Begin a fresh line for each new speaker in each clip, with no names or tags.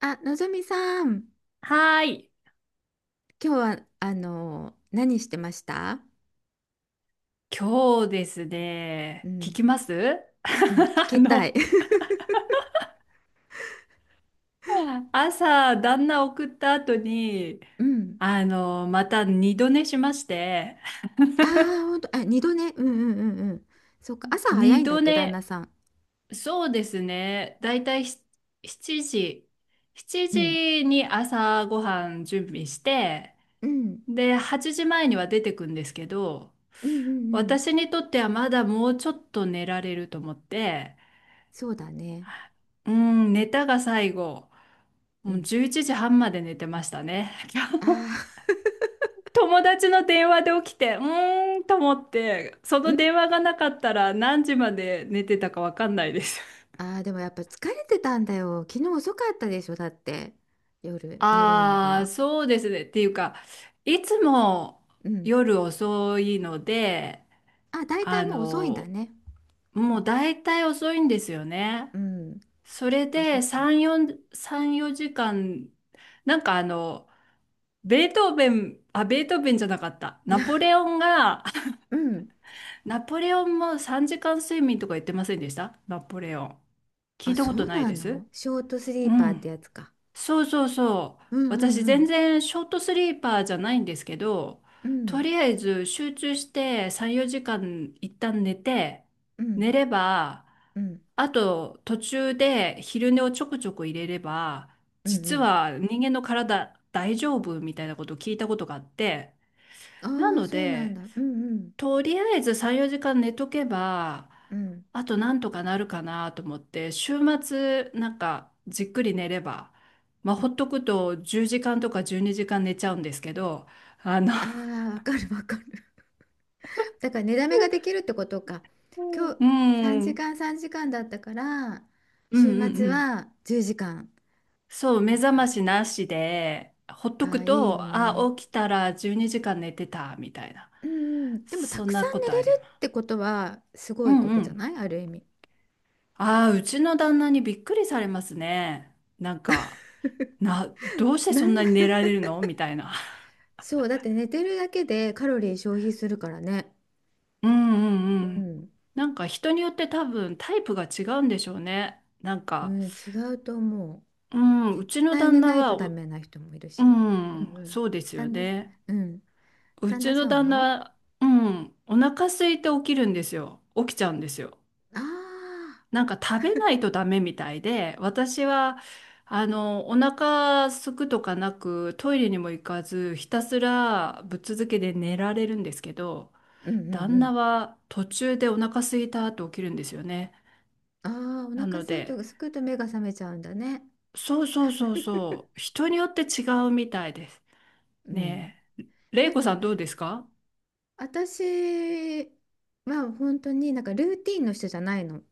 あ、のぞみさん、
はーい。
今日は何してました？
今日です
う
ね、聞
ん、
きます
うん、聞
あ
きたい。
の、朝、旦那送った後に、
うん。
あの、また二度寝しまして、
ああ、本当、あ、二度寝。うんうんうんうん。そっか、朝早
二
いんだ
度
っけ、旦那
寝、
さん。
そうですね、だいたい7時、7
うん、
時に朝ごはん準備して、
うん、
で、8時前には出てくんですけど、
うんうんうん。
私にとってはまだもうちょっと寝られると思って、
そうだね。
うん、寝たが最後。
う
もう
ん。
11時半まで寝てましたね。
あ あ、
友達の電話で起きて、うーんと思って、そ
う
の
ん。
電話がなかったら何時まで寝てたかわかんないです。
ああ、でもやっぱ疲れてたんだよ。昨日遅かったでしょ、だって。夜寝るの
ああ、
が。
そうですね。っていうか、いつも
うん。
夜遅いので、
あ、大体
あ
もう遅いんだ
の、
ね。
もう大体遅いんですよね。
うん。
そ
そっ
れ
かそっ
で
か。
3、4、3、4時間、なんかあの、ベートーベン、あ、ベートーベンじゃなかった。ナポレ オンが、
うん。
ナポレオンも3時間睡眠とか言ってませんでしたナポレオン。聞
あ、
いた
そ
こと
う
ない
な
です。
のショートス
う
リーパーっ
ん。
てやつか。
そうそうそう。
うんう
私
んう
全
ん。
然ショートスリーパーじゃないんですけど、
う
と
ん
りあえず集中して3、4時間一旦寝て、
う
寝
ん
れば、
うん
あと途中で昼寝をちょくちょく入れれば、
うん
実
うん。
は人間の体大丈夫みたいなことを聞いたことがあって、な
ああ、
の
そうなん
で、
だ。うんうん
とりあえず3、4時間寝とけば、
うん。
あとなんとかなるかなと思って、週末なんかじっくり寝れば、まあほっとくと10時間とか12時間寝ちゃうんですけど、あの、
ああ、わかるわかる。だから寝だめができるってことか。
う
今
んう
日3
ん、うん
時間3時間だったから、
うんう
週末
ん。
は10時間。
そう、目
なん
覚ま
か、
しなしで、ほっと
ああ、
く
いいよ
と、あ、
ね。
起きたら12時間寝てた、みたいな。
うんうん。でもた
そ
く
ん
さ
な
ん
こ
寝
と
れ
あ
る
りま
って
す。
ことはすご
う
い
ん
こ
う
とじゃ
ん。
ないある意味。
ああ、うちの旦那にびっくりされますね。なんか、どうして
な
そんなに寝られるのみたいな。
そう、だって寝てるだけでカロリー消費するからね。
うんうんう
う
ん。
ん、
なんか人によって多分タイプが違うんでしょうね。なん
う
か、
ん、違うと思う。
うん、
絶
うちの
対寝
旦那
ない
は、
とダメな人もいる
う
し。う
ん、
んうん。
そうですよ
旦那、
ね。
うん。
う
旦那
ちの
さん
旦
は
那、うん、お腹空いて起きるんですよ。起きちゃうんですよ。
ああ
なんか食べないとダメみたいで、私は、あの、お腹空くとかなく、トイレにも行かず、ひたすらぶっ続けで寝られるんですけど、
うんうんう
旦那
ん。
は途中でお腹空いたって起きるんですよね。
ああ、お
な
腹
の
空い
で、
とすくと目が覚めちゃうんだね。
そうそうそうそう、人によって違うみたいです。
うん。
ねえ、れ
な
い
ん
こさ
か、
んどうですか？
私は本当になんかルーティンの人じゃないの。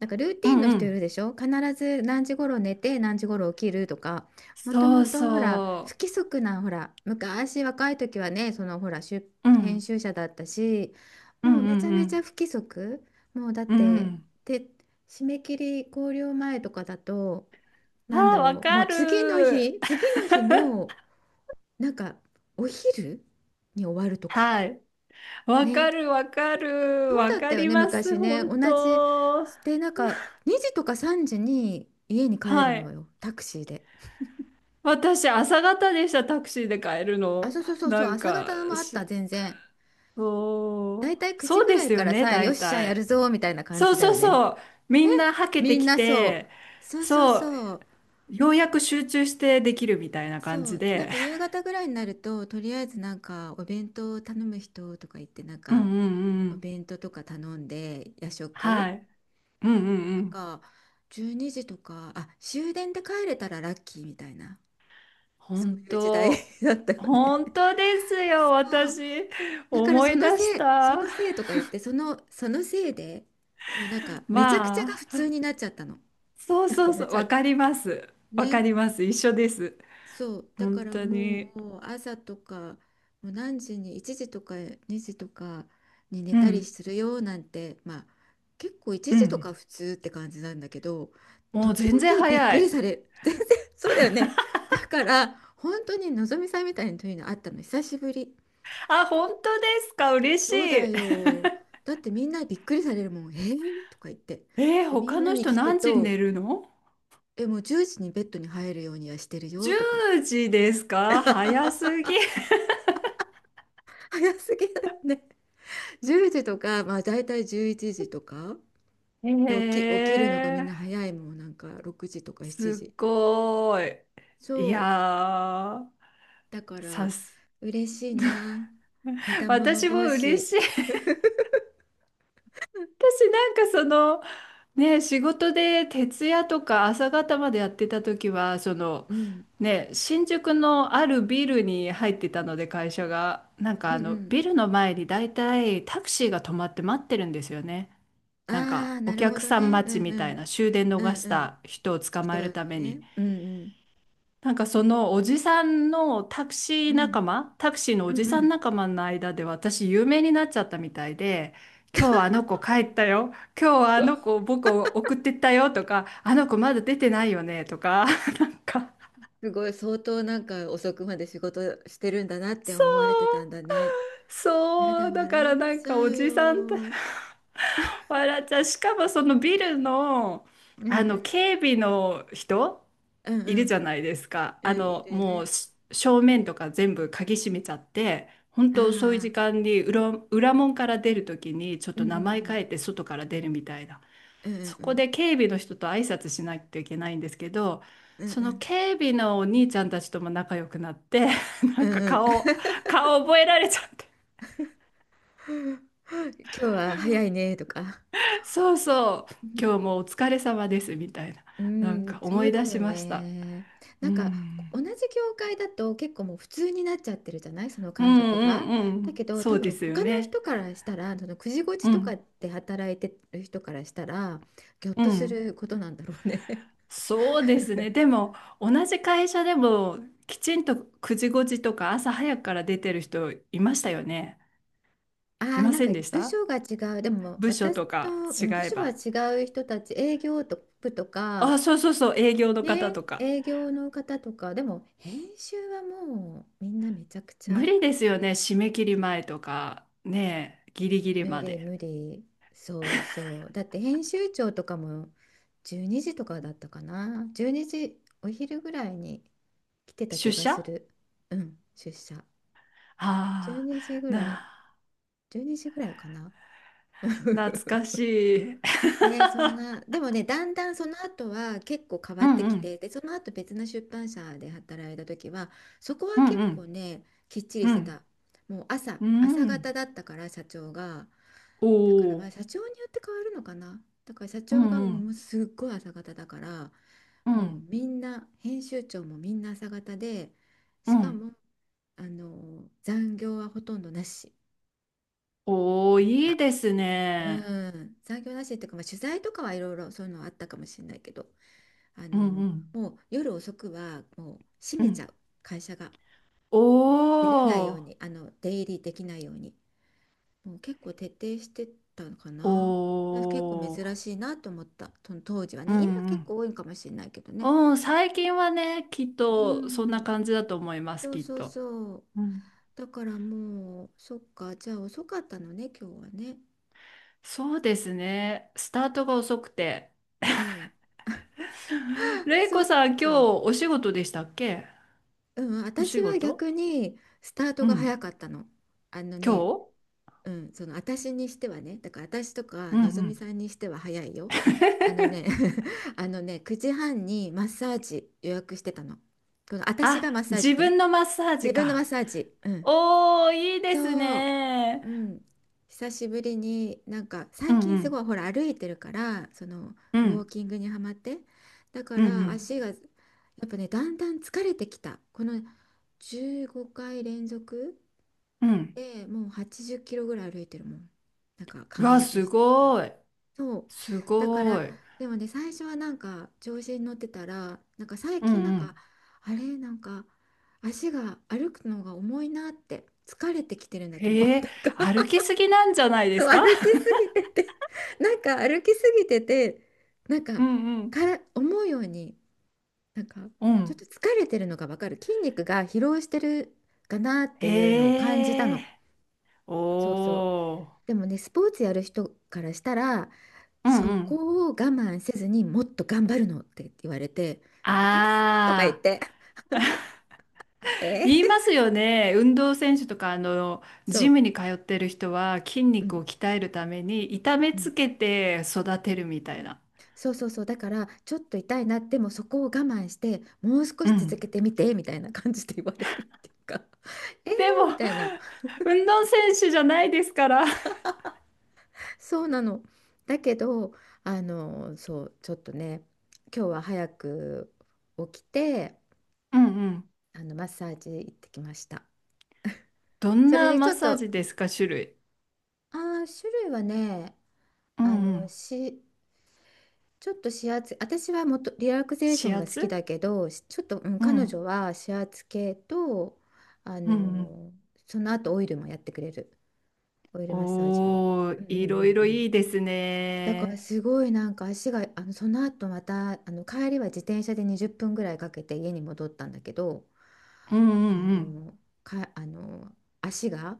なんかルー
う
ティンの
んう
人い
ん。
るでしょ、必ず何時頃寝て何時頃起きるとか。もと
そ
も
う
とほら不
そ
規則な、ほら昔若い時はね、そのほら出
う。う
編
ん。
集者だったし、
うん
もうめちゃ
う
めちゃ
ん
不規則。もうだっ
うん。う
て
ん。
て締め切り考慮前とかだと、
あ
なんだ
あ、わ
ろう、も
か
う次の
る。
日次の日のなんかお昼に終わるとか
はい。わか
ね。
るわかる。
そう
わ
だっ
か
たよ
り
ね、
ます、
昔ね。
本
同じ。
当。
で、なんか、2時とか3時に家に帰る
は
の
い。
よ、タクシーで。
私、朝方でした、タクシーで帰る
あ、
の。
そうそうそうそ
な
う、
ん
朝
か、
方のもあった、
し
全然。だ
お
いたい9時
そう
ぐ
で
らい
す
か
よ
ら
ね、
さ、よっ
大
しゃ、やる
体。
ぞ、みたいな感
そう
じだ
そう
よね。
そう。みんなはけ
み
て
ん
き
なそう。
て、
そうそう
そう、
そう。
ようやく集中してできるみたいな感
そ
じ
う、なん
で。
か夕方ぐらいになると、とりあえずなんか、お弁当を頼む人とか言って、なん
うんう
か、
んうんう
お
ん。
弁当とか頼んで、夜
は
食。
い。うんうんう
なん
ん。
か、12時とか、あ、終電で帰れたらラッキーみたいな。そ
本
ういう時代
当。
だったよね。
本当ですよ、
そう、
私。
だから
思
そ
い
の
出
せ
し
い、そ
た。
のせいとか言って、そのせいで、もうなんかめちゃくちゃが
ま
普
あ、
通になっちゃったの。
そう
なん
そ
か
う
め
そう、
ちゃ
わ
く、
かります。わか
ね。
ります。一緒です。
そう。だか
本
ら
当
も
に。
う朝とか、もう何時に、1時とか2時とかに寝
う
たり
ん。
するよなんて、まあ結構1
う
時とか
ん。
普通って感じなんだけど、
もう
時
全
々
然
びっく
早
り
い。
される。全然そうだよね。だから本当にのぞみさんみたいなというのあったの久しぶり。
あ、本当ですか。嬉し
そうだ
い。
よ。だってみんなびっくりされるもん。えー、とか言って。
えー
で、み
他
んな
の
に
人
聞く
何時に寝
と、
るの？
え、もう10時にベッドに入るようにはしてるよとか。
10 時ですか、早すぎ。
早すぎだよね。10時とか、まあ大体11時とか。で、起き、
え
起きるのがみんな
ー、
早いもん。なんか6時とか
す
7
っ
時。
ごーい。い
そ
や
う。
ー、
だか
さ
ら、
す。
嬉しいな。似た者
私も
同
嬉
士。
しい。私なんかその、ね、仕事で徹夜とか朝方までやってた時は、その、
うん。
ね、新宿のあるビルに入ってたので会社が、なんか
うん
あ
う
の、
ん。
ビルの前に大体タクシーが止まって待ってるんですよね。なん
あ
か
あ、
お
なるほ
客
ど
さん
ね。う
待ち
ん
み
う
たい
ん。
な終電
う
逃
ん
し
うん。
た人を捕
人
まえる
の
ために。
ね。うんうん。
なんかそのおじさんのタクシ
う
ー
ん、
仲間、タクシーの
う
お
ん
じ
う
さん
ん、
仲間の間で私有名になっちゃったみたいで、今日はあの子帰ったよ、今日はあの子僕を送ってったよとか、あの子まだ出てないよねとか、なんか
すごい相当なんか遅くまで仕事してるんだなって
そ
思われてたん
う
だね。や
そ
だ
う、だか
笑
ら
っ
なん
ちゃ
かお
う
じ
よ。
さんと
うん
笑っちゃう。しかもそのビルの、
う
あ
ん
の警備の人
うん
い
う
るじ
ん
ゃないですか。
うん、
あ
い
の、
るよ
も
ね。
うし正面とか全部鍵閉めちゃって、本当そういう時
ああ、
間に裏門から出るときにちょっ
うん
と
う
名前
ん
変えて外から出るみたいな。
うんうん
そ
う
こ
ん
で警備の人と挨拶しないといけないんですけど、
うん
そ
う
の
ん
警備のお兄ちゃんたちとも仲良くなって、な
うん
んか
うんう
顔、顔覚えられちゃって。
ん 今日は早い ねとか。
そうそう、今日もお疲れ様ですみたいな、
う
なん
ん、
か
そ
思
う
い
だ
出し
よ
ました。
ね。
う
なんか
ん、
同じ業界だと結構もう普通になっちゃってるじゃない、その
うん
感覚が。
うんう
だ
ん、
けど
そ
多
うで
分
すよ
他の
ね。
人からしたら、そのくじごち
う
とか
ん
で働いてる人からしたら、ぎょっ
う
とす
ん、
ることなんだろうね。
そうですね。でも同じ会社でもきちんと9時5時とか朝早くから出てる人いましたよね。
あ
い
あ、
ま
なん
せ
か
んでし
部
た？
署が違う、でも
部署
私
と
と、
か
う
違
ん、部
え
署は
ば。
違う人たち、営業と部とか
あ、そうそうそう、営業の方
ね、
とか。
営業の方とかでも編集はもうみんなめちゃくち
無
ゃ。
理ですよね、締め切り前とか、ねえ、ギリギリ
無
ま
理
で。
無理、そうそう、だって編集長とかも12時とかだったかな、12時、お昼ぐらいに来てた気
出
がす
社？
る。うん、出社12
ああ、
時ぐらい、
な、
12時ぐらいかな。
懐 かしい。
ね、そんな でもね、だんだんその後は結構変わ
う
っ
ん
て
う
きて、
ん、
でその後別の出版社で働いた時は、そこは
うんう
結構
ん、
ね、きっちり
う
してた。
ん、
もう朝
う
朝
ん。
方だったから、社長が。
お
だからまあ
お、
社長によって変わるのかな。だから社
う
長が
んう
もう
ん、
すっごい朝方だから、
う
もう
ん、
みんな、編集長もみんな朝方で、
う
しか
ん。
も、残業はほとんどなし
おお、いい
だ。
です
う
ね。
ん、残業なしっていうか、まあ、取材とかはいろいろそういうのはあったかもしれないけど、あ
うん
の、
うん、
もう夜遅くはもう閉
う
めちゃ
ん。
う、会社が。
お
出れないよう
お、
に、出入りできないように。もう結構徹底してたのかな。
お
だから結構
お、
珍しいなと思った。その当時は
うん
ね。今
う
結
ん。
構多いかもしれないけどね。
うん、最近はね、きっ
う
とそんな
ん。
感じだと思います、
そう
きっ
そう
と。
そう。
うん、
だからもう、そっか。じゃあ遅かったのね、今日はね。
そうですね。スタートが遅くて。
うん。
れい
そ
こ
っ
さん、今日
か。
お仕事でしたっけ？
うん。
お仕
私は
事？
逆にスタート
う
が早
ん。
かったの。あの
今
ね、
日？
うん、その私にしてはね、だから私とか
うん
のぞ
う
み
ん。
さんにしては早いよ。あのね、あのね、9時半にマッサージ予約してたの。この私
あ、
がマッサージ
自
ね。
分のマッサー
自
ジ
分のマッ
か。
サージ。うん。
おー、いいです
そう。
ね。
うん。久しぶりに、なんか
う
最
んう
近す
ん。
ごいほら歩いてるから、その
う
ウォー
ん。
キングにはまって、だか
うん
ら
う
足がやっぱね、だんだん疲れてきた、この15回連続
ん。うん。
で、もう80キロぐらい歩いてるもん。なんかカ
う
ウ
わ、
ント
す
してたら。
ごい。
そう。
す
だから、
ごい。
でもね、最初はなんか調子に乗ってたら、なんか最
うん
近なん
う
か、
ん。
あれ、なんか足が歩くのが重いなって、疲れてきてるんだと思う。
へ え、
なんか
歩きすぎなんじゃない で
そう、
す
歩
か？
きすぎてて、なんか歩きすぎてて、なん
う
か、
んうん。
から思うように、なんか、
う
ちょっ
ん。
と疲れてるのがわかる。筋肉が疲労してるかなっていうのを感じた
へ
の。
え。
そうそう。
おー。
でもね、スポーツやる人からしたら、
うん
そ
うん。
こを我慢せずにもっと頑張るのって言われて、えとか言っ
あー。
て、
言い
え
ますよね。運動選手とか、あの、
そ
ジ
う、
ムに通ってる人は筋
う
肉
ん、
を鍛えるために痛め
うん、
つけて育てるみたいな。
そうそうそう、だからちょっと痛いな、でもそこを我慢して、もう少
う
し続
ん。
けてみてみたいな感じで言われるっていうか、えー、
でも、
みたいな、
運動選手じゃないですから。
そうなの。だけど、そう、ちょっとね、今日は早く起きて、
うんうん。
マッサージ行ってきました。
どん
それ
な
で
マ
ち
ッ
ょっ
サー
と、
ジですか、種類。
ああ、種類はね、
う
あ
んう
の、
ん。
し、ちょっと指圧、私はもっとリラクゼーシ
指
ョンが好き
圧？
だけど、ちょっと、うん、
う
彼
ん
女は指圧系と、あ
うんうん。
の、その後オイルもやってくれる。オイルマッサージも。
お
う
ー、
んう
い
んう
ろい
んう
ろい
ん。
いです
だから
ね。
すごいなんか足が、その後また、帰りは自転車で20分ぐらいかけて家に戻ったんだけど、
うんう
あ
んうん。
の、か、あの、足が、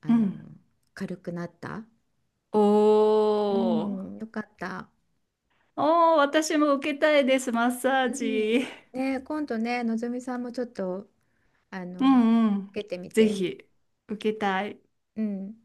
あ
う
の、
ん。
軽くなった。う
おー。
ん、よかった。
おー、私も受けたいです、マッサー
う
ジ。
ん。ね、今度ね、のぞみさんもちょっと、あ
う
の、
んうん。
受けてみ
ぜ
て。
ひ、受けたい。
うん。